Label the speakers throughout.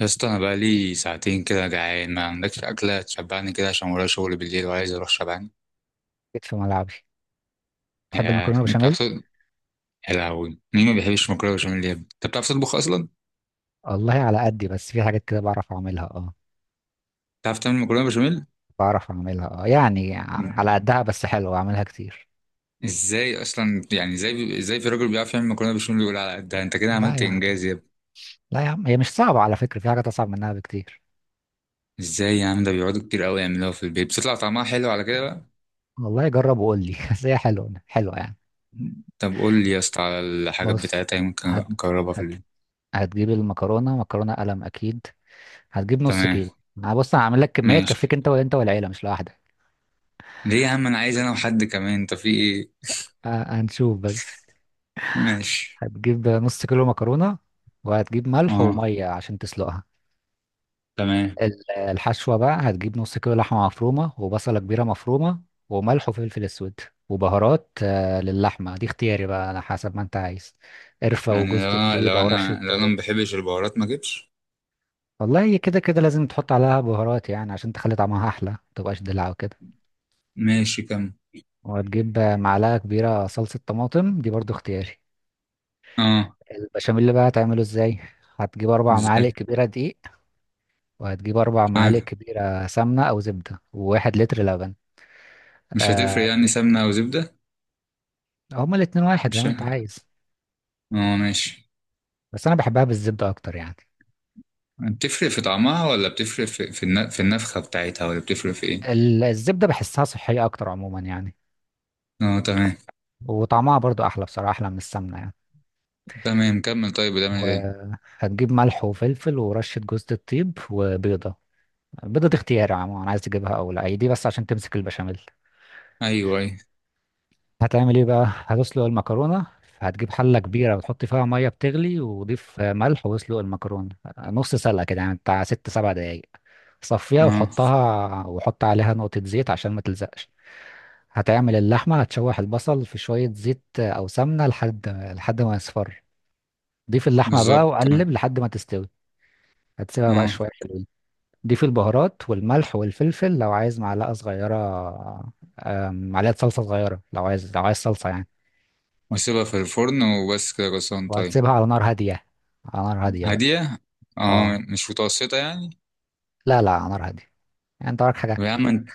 Speaker 1: يا اسطى انا بقالي ساعتين كده جعان، ما عندكش اكله تشبعني كده عشان ورايا شغل بالليل وعايز اروح شبعان.
Speaker 2: جيت في ملعبي. تحب
Speaker 1: يا
Speaker 2: المكرونه
Speaker 1: انت
Speaker 2: بشاميل؟
Speaker 1: بتعرف تطبخ؟ يا لهوي، مين ما بيحبش مكرونه بشاميل يا ابني؟ انت بتعرف تطبخ اصلا؟
Speaker 2: والله على قدي، بس في حاجات كده بعرف اعملها اه.
Speaker 1: بتعرف تعمل مكرونه بشاميل؟
Speaker 2: يعني على قدها، بس حلوه. اعملها كتير.
Speaker 1: ازاي اصلا؟ يعني ازاي في راجل بيعرف يعمل مكرونه بشاميل يقول على قدها؟ انت كده
Speaker 2: لا
Speaker 1: عملت
Speaker 2: يا عم،
Speaker 1: انجاز يا ابني.
Speaker 2: لا يا عم، هي مش صعبه على فكره، في حاجات اصعب منها بكتير.
Speaker 1: ازاي يا عم؟ ده بيقعدوا كتير قوي يعملوها في البيت، بتطلع طعمها حلو على كده بقى؟
Speaker 2: والله جرب وقول لي. بس هي حلوه حلوه يعني.
Speaker 1: طب قول لي يا اسطى على الحاجات
Speaker 2: بص،
Speaker 1: بتاعتها، يمكن
Speaker 2: هت...
Speaker 1: نجربها في
Speaker 2: هت...
Speaker 1: البيت.
Speaker 2: هتجيب المكرونه، مكرونه قلم اكيد. هتجيب نص
Speaker 1: تمام.
Speaker 2: كيلو. انا بص، انا هعمل لك كميه
Speaker 1: ماشي.
Speaker 2: تكفيك انت والعيله، مش لوحدك.
Speaker 1: ليه يا عم؟ انا عايز انا وحد كمان، انت في ايه؟
Speaker 2: هنشوف بس.
Speaker 1: ماشي.
Speaker 2: هتجيب نص كيلو مكرونه، وهتجيب ملح
Speaker 1: اه.
Speaker 2: وميه عشان تسلقها.
Speaker 1: تمام.
Speaker 2: الحشوة بقى هتجيب نص كيلو لحمة مفرومة وبصلة كبيرة مفرومة وملح وفلفل أسود وبهارات. للحمة دي اختياري بقى، على حسب ما أنت عايز: قرفة
Speaker 1: يعني
Speaker 2: وجوز
Speaker 1: لو انا
Speaker 2: الطيب أو رشة
Speaker 1: ما
Speaker 2: قرنفل.
Speaker 1: بحبش البهارات ما اجيبش.
Speaker 2: والله هي كده كده لازم تحط عليها بهارات يعني، عشان تخلي طعمها أحلى، متبقاش دلع وكده.
Speaker 1: ماشي كم؟
Speaker 2: وهتجيب معلقة كبيرة صلصة طماطم، دي برضو اختياري.
Speaker 1: اه.
Speaker 2: البشاميل اللي بقى هتعمله ازاي؟ هتجيب أربع معالق
Speaker 1: ازاي؟
Speaker 2: كبيرة دقيق، وهتجيب 4 معالق
Speaker 1: تمام.
Speaker 2: كبيرة سمنة أو زبدة، وواحد لتر لبن.
Speaker 1: مش هتفرق
Speaker 2: آه،
Speaker 1: يعني سمنة او زبدة؟
Speaker 2: هما الاتنين واحد، زي
Speaker 1: مش
Speaker 2: ما انت
Speaker 1: ه-
Speaker 2: عايز.
Speaker 1: اه، ماشي.
Speaker 2: بس انا بحبها بالزبدة اكتر يعني.
Speaker 1: بتفرق في طعمها، ولا بتفرق في النفخة بتاعتها، ولا بتفرق في ايه؟
Speaker 2: الزبدة بحسها صحية اكتر عموما يعني،
Speaker 1: اه، تمام.
Speaker 2: وطعمها برضو احلى، بصراحة احلى من السمنة يعني.
Speaker 1: تمام، كمل. طيب بتعمل ايه تاني؟
Speaker 2: وهتجيب ملح وفلفل ورشة جوز الطيب وبيضة. البيضة دي اختياري عموما، عايز تجيبها او لا، هي دي بس عشان تمسك البشاميل.
Speaker 1: ايوه، ايوه.
Speaker 2: هتعمل ايه بقى؟ هتسلق المكرونة. هتجيب حلة كبيرة وتحط فيها مية بتغلي، وضيف ملح واسلق المكرونة. نص سلقة كده يعني، بتاع 6 7 دقايق. صفيها
Speaker 1: اه.
Speaker 2: وحطها، وحط عليها نقطة زيت عشان ما تلزقش. هتعمل اللحمة: هتشوح البصل في شوية زيت أو سمنة لحد ما يصفر. ضيف اللحمة بقى
Speaker 1: بالظبط، تمام.
Speaker 2: وقلب لحد ما تستوي. هتسيبها بقى
Speaker 1: اه.
Speaker 2: شوية، حلوين. ضيف البهارات والملح والفلفل لو عايز، معلقة صغيرة. معلقة صلصة صغيرة لو عايز، صلصة يعني.
Speaker 1: واسيبها في الفرن وبس كده؟ غصان طيب.
Speaker 2: وهتسيبها على نار هادية، على نار هادية بقى.
Speaker 1: هادية.
Speaker 2: اه،
Speaker 1: اه، مش متوسطة يعني؟
Speaker 2: لا لا، على نار هادية. يعني انت وراك
Speaker 1: طب
Speaker 2: حاجة؟
Speaker 1: يا عم انت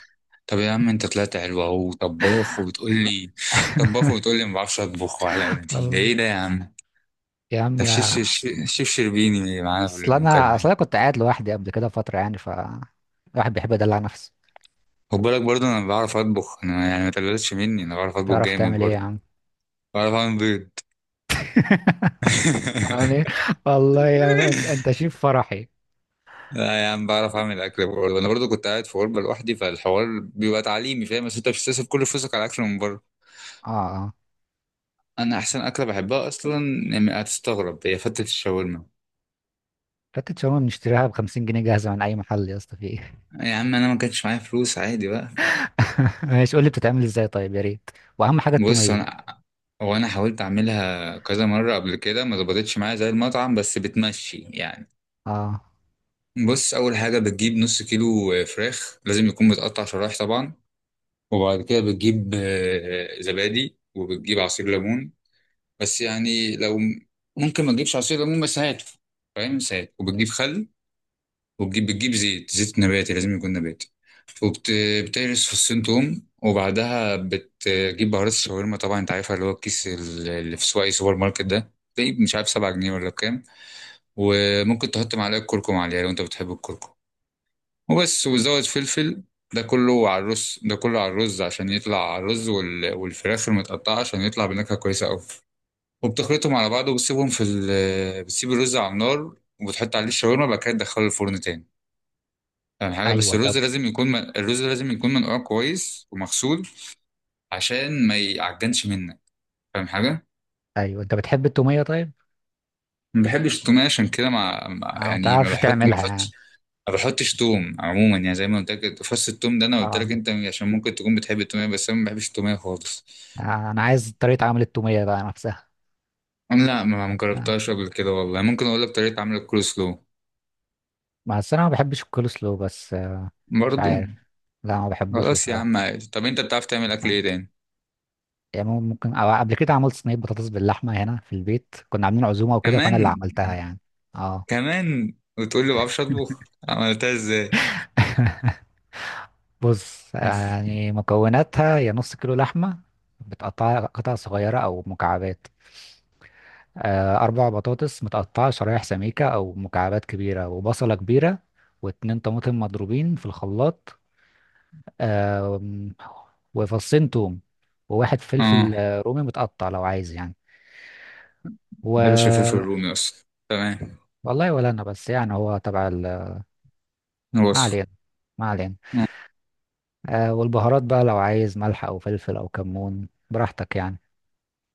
Speaker 1: طب يا عم انت طلعت حلو، اهو طباخ وبتقول لي، طباخ وبتقول لي ما بعرفش اطبخ وعلى قدي. ده
Speaker 2: الله.
Speaker 1: ايه ده يا عم؟
Speaker 2: يا
Speaker 1: ده
Speaker 2: عم،
Speaker 1: شيف شيف، شيف شربيني معانا في
Speaker 2: اصل انا
Speaker 1: المكالمة
Speaker 2: اصل
Speaker 1: يعني.
Speaker 2: انا كنت قاعد لوحدي قبل كده فترة يعني، ف الواحد بيحب يدلع نفسه.
Speaker 1: خد بالك برضه، انا بعرف اطبخ انا، يعني ما تقللش مني، انا بعرف اطبخ
Speaker 2: تعرف
Speaker 1: جامد
Speaker 2: تعمل ايه يا
Speaker 1: برضه.
Speaker 2: عم؟
Speaker 1: بعرف اعمل بيض.
Speaker 2: يعني والله يعني انت شيف فرحي.
Speaker 1: لا يا عم، بعرف اعمل اكل برضه، انا برضه كنت قاعد في غربة لوحدي، فالحوار بيبقى تعليمي، فاهم؟ بس انت مش بتصرف كل فلوسك على اكل من بره.
Speaker 2: اه اه،
Speaker 1: انا احسن اكله بحبها اصلا، يعني هتستغرب، هي فتة الشاورما.
Speaker 2: فتة شاورما بنشتريها ب 50 جنيه جاهزة من أي محل، يا اسطى في ايه؟
Speaker 1: يا عم انا ما كانش معايا فلوس، عادي بقى.
Speaker 2: ماشي، قول لي بتتعمل ازاي طيب، يا ريت. وأهم حاجة
Speaker 1: بص
Speaker 2: التومية.
Speaker 1: انا... هو انا حاولت اعملها كذا مره قبل كده، ما ظبطتش معايا زي المطعم، بس بتمشي يعني.
Speaker 2: اه،
Speaker 1: بص، اول حاجه بتجيب نص كيلو فراخ، لازم يكون متقطع شرايح طبعا. وبعد كده بتجيب زبادي، وبتجيب عصير ليمون، بس يعني لو... ممكن ما تجيبش عصير ليمون بس هاته، فاهم؟ بس هات. وبتجيب خل، بتجيب زيت، زيت نباتي، لازم يكون نباتي. وبتهرس فصين توم، وبعدها بتجيب بهارات الشاورما، طبعا انت عارفها، اللي هو الكيس اللي في سواق أي سوبر ماركت ده، تلاقيه مش عارف 7 جنيه ولا بكام. وممكن تحط معلقة كركم عليها لو انت بتحب الكركم، وبس، وزود فلفل. ده كله على الرز، ده كله على الرز عشان يطلع على الرز والفراخ المتقطعة، عشان يطلع بنكهة كويسة أوي. وبتخلطهم على بعض وبتسيبهم بتسيب الرز على النار، وبتحط عليه الشاورما، بعد كده تدخله الفرن تاني. أهم حاجة، بس
Speaker 2: أيوه.
Speaker 1: الرز
Speaker 2: طب،
Speaker 1: لازم يكون الرز لازم يكون منقوع كويس ومغسول، عشان ما يعجنش منك. فاهم حاجة؟
Speaker 2: أيوه، أنت بتحب التومية طيب؟
Speaker 1: ما بحبش التوم عشان كده،
Speaker 2: اه، ما
Speaker 1: يعني
Speaker 2: تعرفش
Speaker 1: ما
Speaker 2: تعملها يعني.
Speaker 1: بحطش. ما بحطش توم عموما، يعني زي ما قلت لك فص التوم ده انا قلت لك
Speaker 2: اه.
Speaker 1: انت عشان ممكن تكون بتحب التوميه، بس انا ما بحبش التوميه خالص.
Speaker 2: أنا عايز طريقة عمل التومية بقى نفسها.
Speaker 1: لا ما
Speaker 2: آه.
Speaker 1: جربتهاش قبل كده والله. ممكن اقول لك طريقه عمل الكول سلو.
Speaker 2: بس أنا ما بحبش الكول سلو، بس مش
Speaker 1: برضو.
Speaker 2: عارف. لا ما بحبوش
Speaker 1: خلاص يا عم،
Speaker 2: بصراحة.
Speaker 1: عادي. طب انت بتعرف تعمل اكل
Speaker 2: آه.
Speaker 1: ايه تاني؟
Speaker 2: يعني ممكن، أو قبل كده عملت صينية بطاطس باللحمة هنا في البيت، كنا عاملين عزومة وكده فأنا اللي
Speaker 1: كمان؟
Speaker 2: عملتها يعني. اه.
Speaker 1: كمان وتقول لي ما بعرفش اطبخ؟ عملتها ازاي؟
Speaker 2: بص، يعني مكوناتها: يا نص كيلو لحمة بتقطعها قطع صغيرة أو مكعبات، 4 بطاطس متقطعة شرايح سميكة أو مكعبات كبيرة، وبصلة كبيرة، واتنين طماطم مضروبين في الخلاط، آم، وفصين توم، وواحد
Speaker 1: اه،
Speaker 2: فلفل رومي متقطع لو عايز يعني.
Speaker 1: ما بحبش الفلفل
Speaker 2: و
Speaker 1: الرومي اصلا، تمام.
Speaker 2: والله ولا أنا، بس يعني هو تبع. ما
Speaker 1: وصفه.
Speaker 2: علينا، ما علينا.
Speaker 1: اه.
Speaker 2: آه، والبهارات بقى لو عايز ملح او فلفل او كمون، براحتك يعني.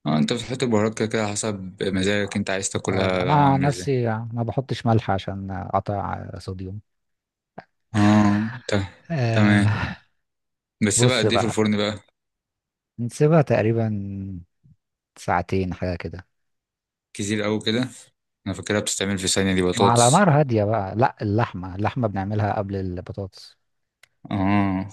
Speaker 1: انت بتحط البهارات كده كده حسب مزاجك، انت عايز
Speaker 2: آه،
Speaker 1: تاكلها
Speaker 2: انا
Speaker 1: طعمها
Speaker 2: عن
Speaker 1: عامل ازاي.
Speaker 2: نفسي ما بحطش ملح عشان اقطع صوديوم.
Speaker 1: اه تمام.
Speaker 2: آه.
Speaker 1: بس بقى
Speaker 2: بص
Speaker 1: قد ايه في
Speaker 2: بقى،
Speaker 1: الفرن بقى؟
Speaker 2: نسيبها تقريبا ساعتين حاجة كده،
Speaker 1: كتير قوي كده. انا فاكرها بتستعمل في ثانية دي
Speaker 2: مع على
Speaker 1: بطاطس.
Speaker 2: نار هادية بقى. لا، اللحمة بنعملها قبل البطاطس.
Speaker 1: اه.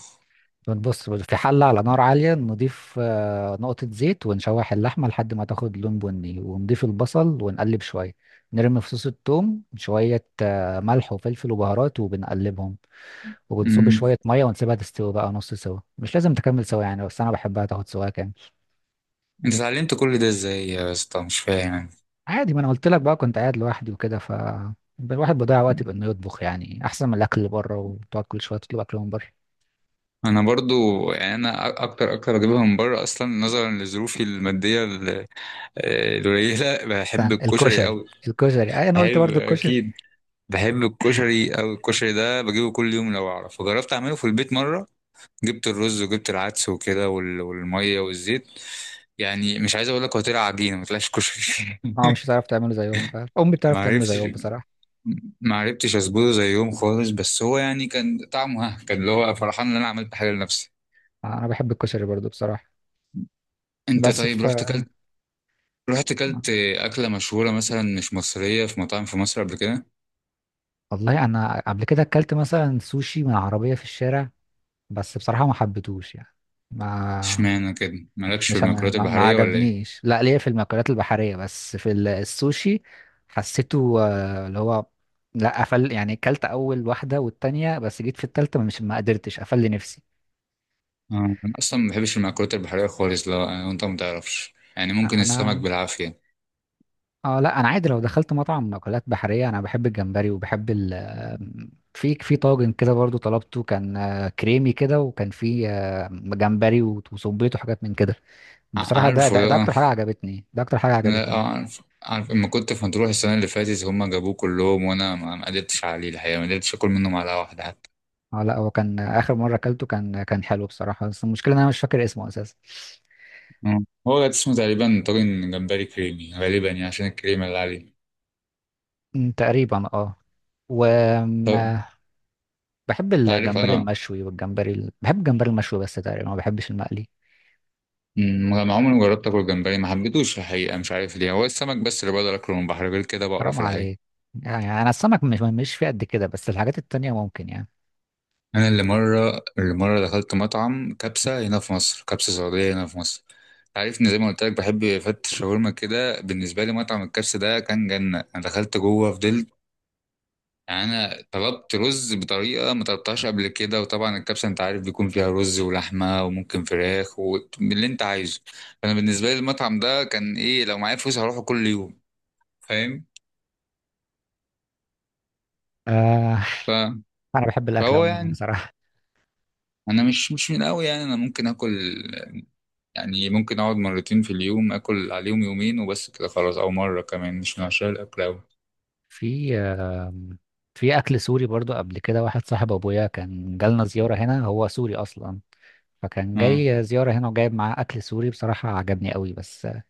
Speaker 2: بنبص في حلة على نار عالية، نضيف نقطة زيت ونشوح اللحمة لحد ما تاخد لون بني، ونضيف البصل ونقلب شوية، نرمي فصوص الثوم، شوية ملح وفلفل وبهارات وبنقلبهم، وبنصب
Speaker 1: امم
Speaker 2: شوية مية ونسيبها تستوي بقى، نص سوا، مش لازم تكمل سوا يعني، بس أنا بحبها تاخد سوا كام.
Speaker 1: انت اتعلمت كل ده ازاي يا اسطى؟ مش فاهم يعني.
Speaker 2: عادي، ما أنا قلت لك بقى، كنت قاعد لوحدي وكده، ف الواحد بيضيع وقت بإنه يطبخ يعني، أحسن من الأكل اللي بره وتقعد كل شوية تطلب أكل من بره.
Speaker 1: انا برضو، يعني انا اكتر اكتر اجيبها من بره اصلا، نظرا لظروفي الماديه القليله. بحب
Speaker 2: مثلاً
Speaker 1: الكشري
Speaker 2: الكشري.
Speaker 1: قوي.
Speaker 2: الكشري، أي، أنا قلت
Speaker 1: بحب
Speaker 2: برضو الكشري.
Speaker 1: اكيد. بحب الكشري أوي، الكشري ده بجيبه كل يوم لو أعرف. وجربت أعمله في البيت مرة، جبت الرز وجبت العدس وكده والمية والزيت، يعني مش عايز أقول لك، هو طلع عجينة، ما طلعش كشري.
Speaker 2: اه، مش هتعرف تعمله زيهم فعلا، امي بتعرف
Speaker 1: ما
Speaker 2: تعمله
Speaker 1: عرفتش،
Speaker 2: زيهم بصراحه.
Speaker 1: ما عرفتش أظبطه زيهم خالص، بس هو يعني كان طعمه ها، كان اللي هو فرحان إن أنا عملت حاجة لنفسي.
Speaker 2: انا بحب الكشري برضو بصراحه،
Speaker 1: أنت
Speaker 2: بس
Speaker 1: طيب
Speaker 2: ف
Speaker 1: رحت كلت أكلة مشهورة مثلا مش مصرية في مطاعم في مصر قبل كده؟
Speaker 2: والله انا قبل كده اكلت مثلا سوشي من عربيه في الشارع، بس بصراحه ما حبيتهوش يعني. ما
Speaker 1: اشمعنى كده؟ مالكش في
Speaker 2: مش ما,
Speaker 1: المأكولات
Speaker 2: ما ما
Speaker 1: البحرية ولا إيه؟
Speaker 2: عجبنيش. لا، ليا في المأكولات البحريه، بس في السوشي حسيته، اللي هو لا قفل. يعني اكلت اول واحده والتانيه، بس جيت في التالته مش، ما قدرتش، قفل لي نفسي.
Speaker 1: آه، أنا أصلا ما بحبش المأكولات البحرية خالص، لو يعني أنت ما تعرفش، يعني ممكن السمك
Speaker 2: انا
Speaker 1: بالعافية.
Speaker 2: اه لا، انا عادي لو دخلت مطعم اكلات بحريه انا بحب الجمبري وبحب في طاجن كده برضو طلبته، كان كريمي كده، وكان فيه جمبري وصبيته وحاجات من كده. بصراحه ده,
Speaker 1: عارفه
Speaker 2: ده
Speaker 1: ده،
Speaker 2: ده
Speaker 1: آه.
Speaker 2: اكتر حاجه عجبتني، ده اكتر حاجه
Speaker 1: لا
Speaker 2: عجبتني.
Speaker 1: عارف، عارف. لما كنت في مطروح السنة اللي فاتت هما جابوه كلهم، وأنا ما قدرتش عليه الحقيقة، ما قدرتش آكل منه معلقة واحدة حتى.
Speaker 2: اه لا، هو كان اخر مره اكلته كان حلو بصراحه، بس المشكله ان انا مش فاكر اسمه اساسا.
Speaker 1: آه. هو ده اسمه تقريبا طاجن جمبري كريمي غالبا، يعني عشان الكريمة اللي عليه.
Speaker 2: أمم، تقريبا اه. وبحب
Speaker 1: طب أنت عارف
Speaker 2: الجمبري
Speaker 1: أنا...
Speaker 2: المشوي بحب الجمبري المشوي بس، تقريبا ما بحبش المقلي.
Speaker 1: ما عمري ما جربت آكل جمبري، ما حبيتوش الحقيقة، مش عارف ليه، هو السمك بس اللي بقدر آكله من البحر، غير كده
Speaker 2: حرام
Speaker 1: بقرف الحقيقة.
Speaker 2: عليك. يعني انا السمك مش في قد كده، بس الحاجات التانية ممكن يعني.
Speaker 1: انا اللي مره دخلت مطعم كبسه هنا في مصر، كبسه سعوديه هنا في مصر. عارفني زي ما قلت لك بحب فتة شاورما كده، بالنسبه لي مطعم الكبسه ده كان جنه، انا دخلت جوه فضلت. يعني انا طلبت رز بطريقه ما طلبتهاش قبل كده، وطبعا الكبسه انت عارف بيكون فيها رز ولحمه وممكن فراخ واللي انت عايزه. فانا بالنسبه لي المطعم ده كان ايه، لو معايا فلوس هروحه كل يوم. فاهم؟
Speaker 2: آه،
Speaker 1: ف-
Speaker 2: انا بحب الاكل
Speaker 1: فهو
Speaker 2: عموما
Speaker 1: يعني
Speaker 2: بصراحة.
Speaker 1: انا مش من قوي، يعني انا ممكن اكل، يعني ممكن اقعد مرتين في اليوم اكل عليهم يومين وبس كده خلاص، او مره كمان، مش من عشان الاكل اوي.
Speaker 2: في آه في اكل سوري برضو. قبل كده واحد صاحب ابويا كان جالنا زيارة هنا، هو سوري اصلا، فكان
Speaker 1: اه.
Speaker 2: جاي زيارة هنا وجايب معاه اكل سوري، بصراحة عجبني قوي. بس آه،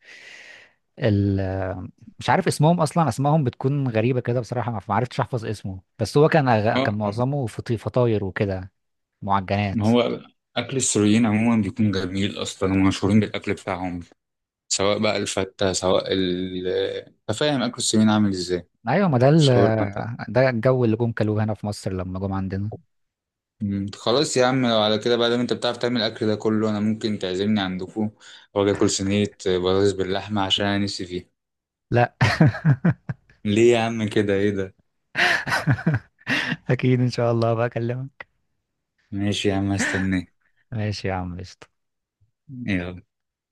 Speaker 2: ال آه، مش عارف اسمهم اصلا، اسمائهم بتكون غريبة كده بصراحة، ما عرفتش احفظ اسمه. بس هو كان كان
Speaker 1: آه،
Speaker 2: معظمه فطاير وكده، معجنات.
Speaker 1: ما هو اكل السوريين عموما بيكون جميل اصلا، هم مشهورين بالاكل بتاعهم، سواء بقى الفته سواء ال... أنت فاهم اكل السوريين عامل ازاي؟
Speaker 2: ايوه، ما
Speaker 1: شاورما بتاع...
Speaker 2: ده الجو اللي جم كلوه هنا في مصر لما جم عندنا.
Speaker 1: خلاص يا عم، لو على كده بقى، لو انت بتعرف تعمل الاكل ده كله، انا ممكن تعزمني عندكم واجي اكل صينيه بطاطس باللحمه، عشان انا نفسي فيها.
Speaker 2: لا.
Speaker 1: ليه يا عم كده؟ ايه ده؟
Speaker 2: اكيد ان شاء الله بقى، اكلمك.
Speaker 1: ماشي يا عم، هستناك.
Speaker 2: ماشي يا عم، قشطة.
Speaker 1: يلا.